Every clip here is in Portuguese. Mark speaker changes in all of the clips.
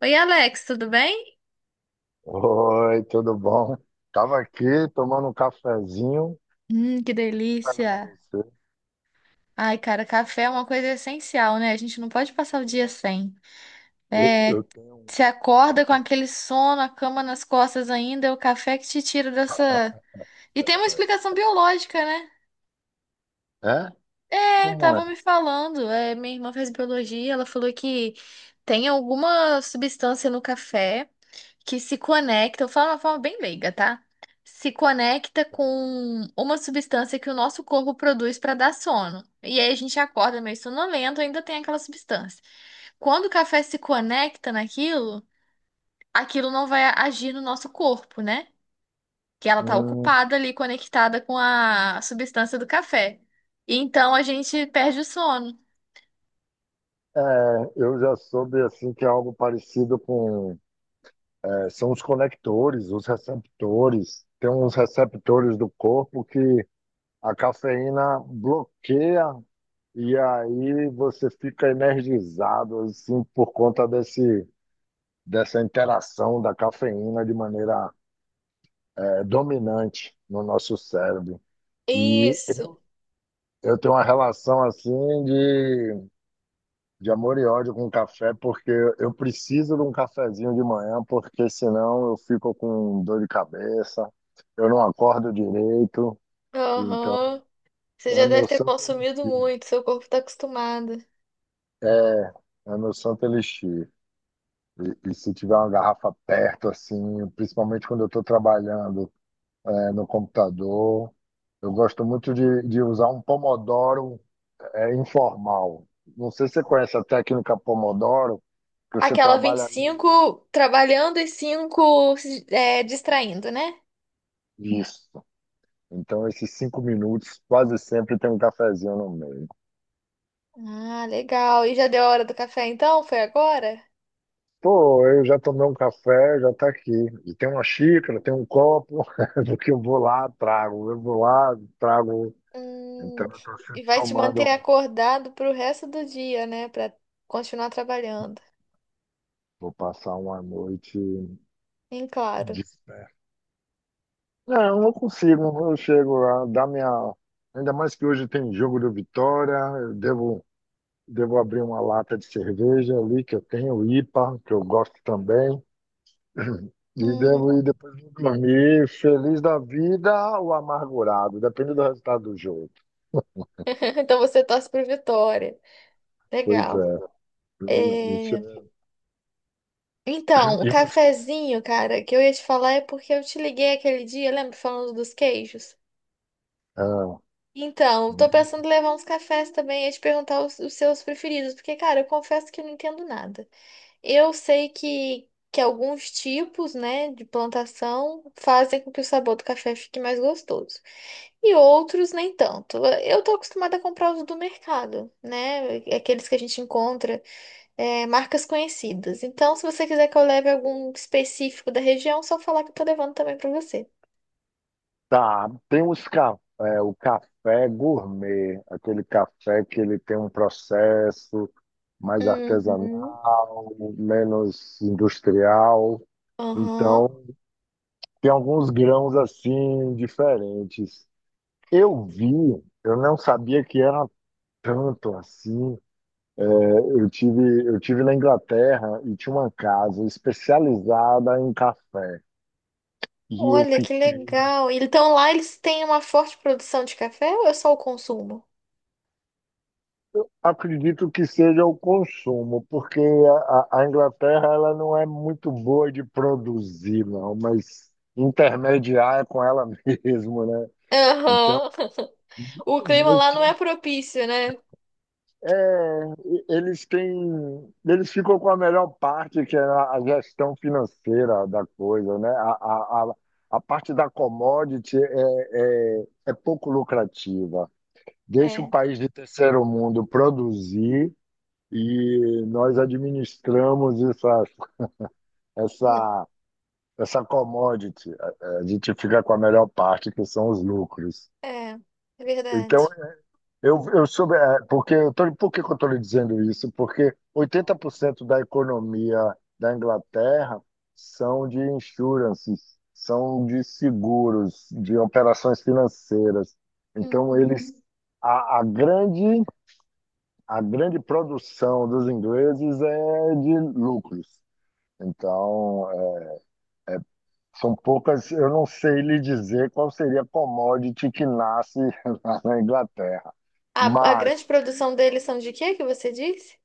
Speaker 1: Oi, Alex, tudo bem?
Speaker 2: Oi, tudo bom? Tava aqui tomando um cafezinho,
Speaker 1: Que
Speaker 2: esperando
Speaker 1: delícia!
Speaker 2: você.
Speaker 1: Ai, cara, café é uma coisa essencial, né? A gente não pode passar o dia sem.
Speaker 2: Eu,
Speaker 1: É,
Speaker 2: eu tenho um.
Speaker 1: se
Speaker 2: eu
Speaker 1: acorda com
Speaker 2: tenho-
Speaker 1: aquele sono, a cama nas costas ainda, é o café que te tira dessa. E tem uma explicação biológica, né?
Speaker 2: É?
Speaker 1: É,
Speaker 2: Como é?
Speaker 1: estavam me falando. É, minha irmã fez biologia, ela falou que tem alguma substância no café que se conecta, eu falo de uma forma bem leiga, tá? Se conecta com uma substância que o nosso corpo produz para dar sono. E aí a gente acorda meio sonolento, ainda tem aquela substância. Quando o café se conecta naquilo, aquilo não vai agir no nosso corpo, né? Que ela tá
Speaker 2: Hum,
Speaker 1: ocupada ali, conectada com a substância do café. E então a gente perde o sono.
Speaker 2: É, eu já soube assim que é algo parecido com, é, são os conectores, os receptores. Tem uns receptores do corpo que a cafeína bloqueia e aí você fica energizado assim por conta desse, dessa interação da cafeína de maneira, dominante no nosso cérebro. E
Speaker 1: Isso.
Speaker 2: eu tenho uma relação assim de amor e ódio com o café, porque eu preciso de um cafezinho de manhã, porque senão eu fico com dor de cabeça, eu não acordo direito. Então,
Speaker 1: Aham. Você já
Speaker 2: é meu
Speaker 1: deve ter
Speaker 2: santo
Speaker 1: consumido
Speaker 2: elixir.
Speaker 1: muito, seu corpo tá acostumado.
Speaker 2: É, é meu santo elixir. E se tiver uma garrafa perto, assim, principalmente quando eu estou trabalhando, no computador, eu gosto muito de usar um pomodoro é informal. Não sei se você conhece a técnica Pomodoro, que você
Speaker 1: Aquela vinte e
Speaker 2: trabalha
Speaker 1: cinco trabalhando e 5 distraindo, né?
Speaker 2: nisso. Então, esses 5 minutos quase sempre tem um cafezinho no meio.
Speaker 1: Ah, legal. E já deu a hora do café então? Foi agora?
Speaker 2: Pô, eu já tomei um café, já tá aqui. E tem uma xícara, tem um copo, do que eu vou lá, trago. Eu vou lá, trago. Então,
Speaker 1: Hum.
Speaker 2: eu tô
Speaker 1: E
Speaker 2: sempre
Speaker 1: vai te manter
Speaker 2: tomando.
Speaker 1: acordado pro resto do dia, né? Pra continuar trabalhando.
Speaker 2: Vou passar uma noite
Speaker 1: Sim, claro.
Speaker 2: de pé. Não, eu não consigo. Eu chego lá, dá minha. Ainda mais que hoje tem jogo do Vitória, eu devo devo abrir uma lata de cerveja ali, que eu tenho, IPA, que eu gosto também. E
Speaker 1: Uhum.
Speaker 2: devo ir depois de dormir, feliz da vida ou amargurado, depende do resultado do jogo.
Speaker 1: Então você torce pro Vitória.
Speaker 2: Pois
Speaker 1: Legal.
Speaker 2: é. E- Isso
Speaker 1: É,
Speaker 2: é...
Speaker 1: então, o
Speaker 2: E você?
Speaker 1: cafezinho, cara, que eu ia te falar é porque eu te liguei aquele dia, lembra, falando dos queijos?
Speaker 2: Ah,
Speaker 1: Então, eu tô pensando em levar uns cafés também e te perguntar os seus preferidos, porque, cara, eu confesso que eu não entendo nada. Eu sei que alguns tipos, né, de plantação fazem com que o sabor do café fique mais gostoso. E outros nem tanto. Eu tô acostumada a comprar os do mercado, né? Aqueles que a gente encontra. É, marcas conhecidas. Então, se você quiser que eu leve algum específico da região, é só falar que eu tô levando também pra você.
Speaker 2: tá, tem os café, o café gourmet, aquele café que ele tem um processo mais
Speaker 1: Uhum.
Speaker 2: artesanal, menos industrial.
Speaker 1: Aham.
Speaker 2: Então, tem alguns grãos assim diferentes. Eu vi, eu não sabia que era tanto assim. É, eu tive na Inglaterra e tinha uma casa especializada em café. E eu
Speaker 1: Olha, que
Speaker 2: fiquei.
Speaker 1: legal. Então lá eles têm uma forte produção de café ou é só o consumo?
Speaker 2: Acredito que seja o consumo, porque a Inglaterra ela não é muito boa de produzir, não, mas intermediar é com ela mesmo, né? Então,
Speaker 1: Aham. O clima
Speaker 2: mas
Speaker 1: lá não é
Speaker 2: tinha.
Speaker 1: propício, né?
Speaker 2: É, eles ficam com a melhor parte, que é a gestão financeira da coisa, né? A parte da commodity é pouco lucrativa. Deixa o
Speaker 1: É.
Speaker 2: país de terceiro mundo produzir e nós administramos
Speaker 1: Não.
Speaker 2: essa, essa commodity. A gente fica com a melhor parte, que são os lucros.
Speaker 1: É, é
Speaker 2: Então,
Speaker 1: verdade.
Speaker 2: Eu soube, porque por que que eu estou lhe dizendo isso? Porque 80% da economia da Inglaterra são de insurances, são de seguros, de operações financeiras. Então,
Speaker 1: Uhum.
Speaker 2: eles, a, a grande, a grande produção dos ingleses é de lucros. Então, são poucas, eu não sei lhe dizer qual seria a commodity que nasce lá na Inglaterra.
Speaker 1: A grande
Speaker 2: Mas
Speaker 1: produção deles são de quê que você disse?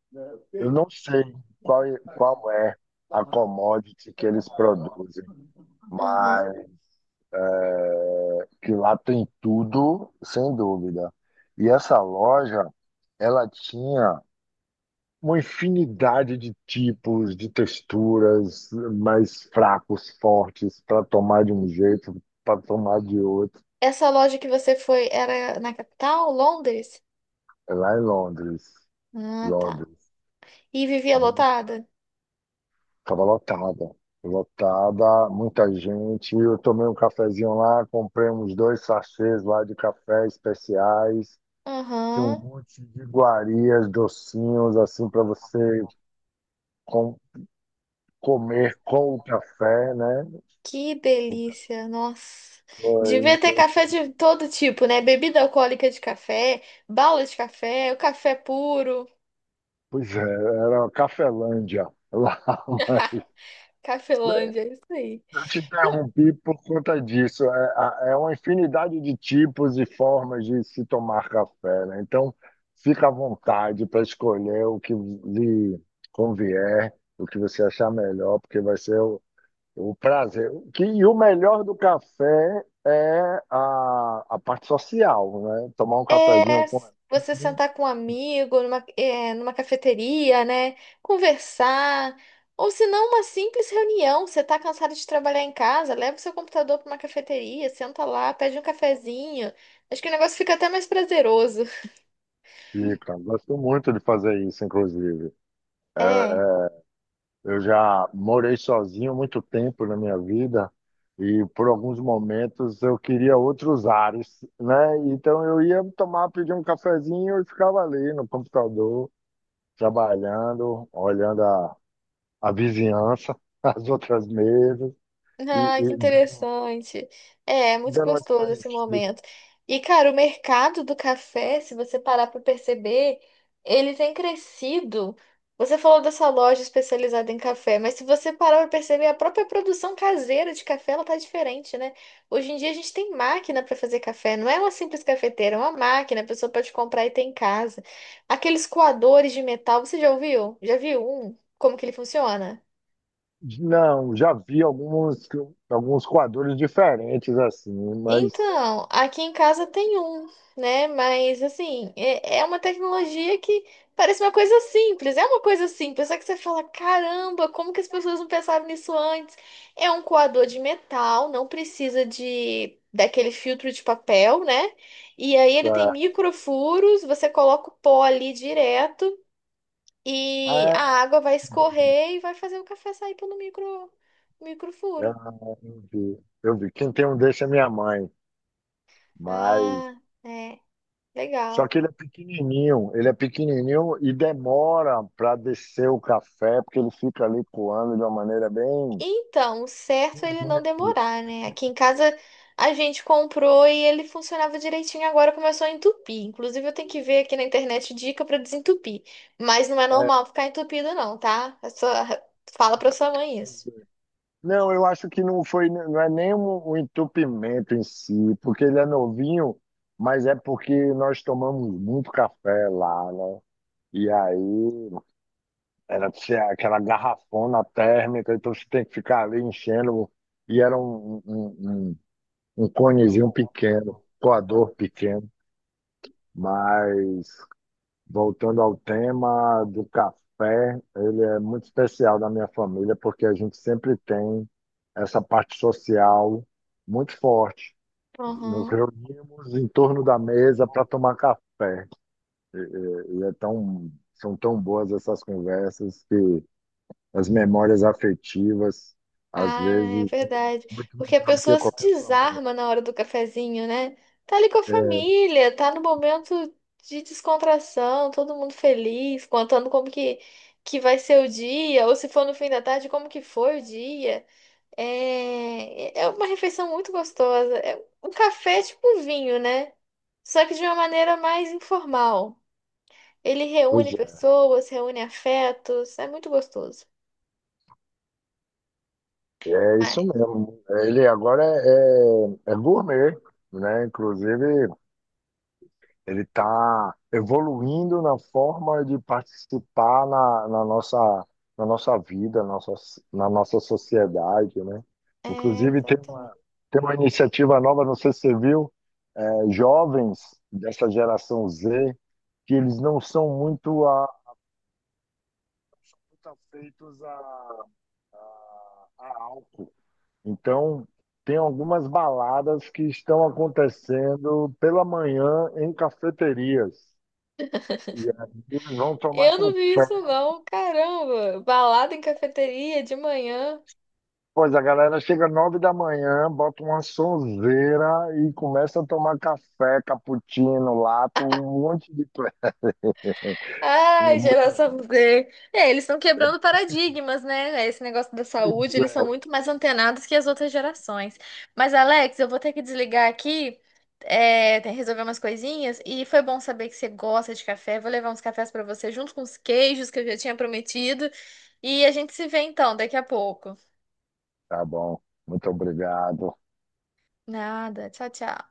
Speaker 2: eu não sei qual é a commodity que eles produzem,
Speaker 1: Aham.
Speaker 2: mas que lá tem tudo, sem dúvida. E essa loja, ela tinha uma infinidade de tipos, de texturas, mais fracos, fortes, para tomar de um jeito, para tomar de outro.
Speaker 1: Essa loja que você foi era na capital, Londres?
Speaker 2: É lá em Londres.
Speaker 1: Ah, tá.
Speaker 2: Londres.
Speaker 1: E vivia lotada?
Speaker 2: Tava lotada, lotada, muita gente. Eu tomei um cafezinho lá, comprei uns dois sachês lá de café especiais. Tinha um
Speaker 1: Aham.
Speaker 2: monte de iguarias, docinhos, assim, para você com- comer com o café, né?
Speaker 1: Que
Speaker 2: O café,
Speaker 1: delícia, nossa. Devia ter
Speaker 2: então,
Speaker 1: café
Speaker 2: isso-
Speaker 1: de todo tipo, né? Bebida alcoólica de café, bala de café, o café puro,
Speaker 2: Pois é, era uma Cafelândia lá.
Speaker 1: Cafelândia, é isso aí.
Speaker 2: Eu te interrompi por conta disso. É, é uma infinidade de tipos e formas de se tomar café, né? Então, fica à vontade para escolher o que lhe convier, o que você achar melhor, porque vai ser o prazer. E o melhor do café é a parte social, né? Tomar um cafezinho
Speaker 1: É,
Speaker 2: com
Speaker 1: você
Speaker 2: amigo.
Speaker 1: sentar com um amigo numa, é, numa cafeteria, né? Conversar. Ou se não, uma simples reunião. Você tá cansado de trabalhar em casa, leva o seu computador para uma cafeteria, senta lá, pede um cafezinho. Acho que o negócio fica até mais prazeroso.
Speaker 2: Fica. Gosto muito de fazer isso, inclusive. É,
Speaker 1: É.
Speaker 2: é, eu já morei sozinho muito tempo na minha vida e por alguns momentos eu queria outros ares, né? Então eu ia tomar, pedir um cafezinho e ficava ali no computador, trabalhando, olhando a vizinhança, as outras mesas e,
Speaker 1: Ah, que
Speaker 2: e dando,
Speaker 1: interessante. É, é muito
Speaker 2: dando umas
Speaker 1: gostoso esse
Speaker 2: parecidas.
Speaker 1: momento. E, cara, o mercado do café, se você parar para perceber, ele tem crescido. Você falou dessa loja especializada em café, mas se você parar para perceber, a própria produção caseira de café, ela tá diferente, né? Hoje em dia a gente tem máquina para fazer café, não é uma simples cafeteira, é uma máquina, a pessoa pode comprar e ter em casa. Aqueles coadores de metal, você já ouviu? Já viu um? Como que ele funciona?
Speaker 2: Não, já vi alguns, quadros diferentes assim, mas
Speaker 1: Então, aqui em casa tem um, né? Mas assim, é, é uma tecnologia que parece uma coisa simples, é uma coisa simples, só que você fala, caramba, como que as pessoas não pensaram nisso antes? É um coador de metal, não precisa de daquele filtro de papel, né? E aí ele tem
Speaker 2: é,
Speaker 1: microfuros, você coloca o pó ali direto e a
Speaker 2: é,
Speaker 1: água vai
Speaker 2: já vi.
Speaker 1: escorrer e vai fazer o café sair pelo microfuro.
Speaker 2: Eu vi. Eu vi. Quem tem um desse é minha mãe, mas
Speaker 1: Ah, é,
Speaker 2: só
Speaker 1: legal.
Speaker 2: que ele é pequenininho e demora para descer o café, porque ele fica ali coando de uma maneira bem
Speaker 1: Então, o certo é ele não
Speaker 2: bem.
Speaker 1: demorar, né? Aqui em casa a gente comprou e ele funcionava direitinho, agora começou a entupir. Inclusive, eu tenho que ver aqui na internet dica pra desentupir. Mas não é
Speaker 2: É,
Speaker 1: normal ficar entupido, não, tá? É só- Fala pra sua mãe
Speaker 2: pois
Speaker 1: isso.
Speaker 2: é. Não, eu acho que não foi, não é nem um entupimento em si, porque ele é novinho, mas é porque nós tomamos muito café lá, né? E aí era assim, aquela garrafona térmica, então você tem que ficar ali enchendo. E era um conezinho pequeno, coador pequeno. Mas, voltando ao tema do café, ele é muito especial da minha família, porque a gente sempre tem essa parte social muito forte. Nos reunimos em torno da mesa para tomar café. E, e- e é tão, são tão boas essas conversas que as memórias afetivas, às
Speaker 1: Ah, é
Speaker 2: vezes, é
Speaker 1: verdade.
Speaker 2: muito
Speaker 1: Porque a
Speaker 2: melhor do que
Speaker 1: pessoa se
Speaker 2: qualquer sabor.
Speaker 1: desarma na hora do cafezinho, né? Tá ali com a
Speaker 2: É,
Speaker 1: família, tá no momento de descontração, todo mundo feliz, contando como que vai ser o dia, ou se for no fim da tarde, como que foi o dia. É, é uma refeição muito gostosa. É um café tipo vinho, né? Só que de uma maneira mais informal. Ele
Speaker 2: pois
Speaker 1: reúne pessoas, reúne afetos, é muito gostoso.
Speaker 2: é, é
Speaker 1: Mas,
Speaker 2: isso mesmo. Ele agora é, é gourmet, né? Inclusive, ele está evoluindo na forma de participar na nossa vida, na nossa sociedade, né?
Speaker 1: é,
Speaker 2: Inclusive,
Speaker 1: exatamente.
Speaker 2: tem uma iniciativa nova, não sei se você viu, é, jovens dessa geração Z, que eles não são muito tá feitos a álcool. Então, tem algumas baladas que estão acontecendo pela manhã em cafeterias. E aí eles vão tomar
Speaker 1: Eu não vi
Speaker 2: café.
Speaker 1: isso, não. Caramba! Balada em cafeteria de manhã.
Speaker 2: Pois a galera chega 9 da manhã, bota uma sonzeira e começa a tomar café, cappuccino, lato, um monte de coisa. É
Speaker 1: Ai,
Speaker 2: muito legal.
Speaker 1: geração Z. É, eles estão quebrando paradigmas, né? É, esse negócio da
Speaker 2: Pois
Speaker 1: saúde, eles são
Speaker 2: é,
Speaker 1: muito mais antenados que as outras gerações. Mas, Alex, eu vou ter que desligar aqui, é, tem que resolver umas coisinhas. E foi bom saber que você gosta de café. Vou levar uns cafés para você, junto com os queijos que eu já tinha prometido. E a gente se vê então daqui a pouco.
Speaker 2: tá bom. Muito obrigado.
Speaker 1: Nada. Tchau, tchau.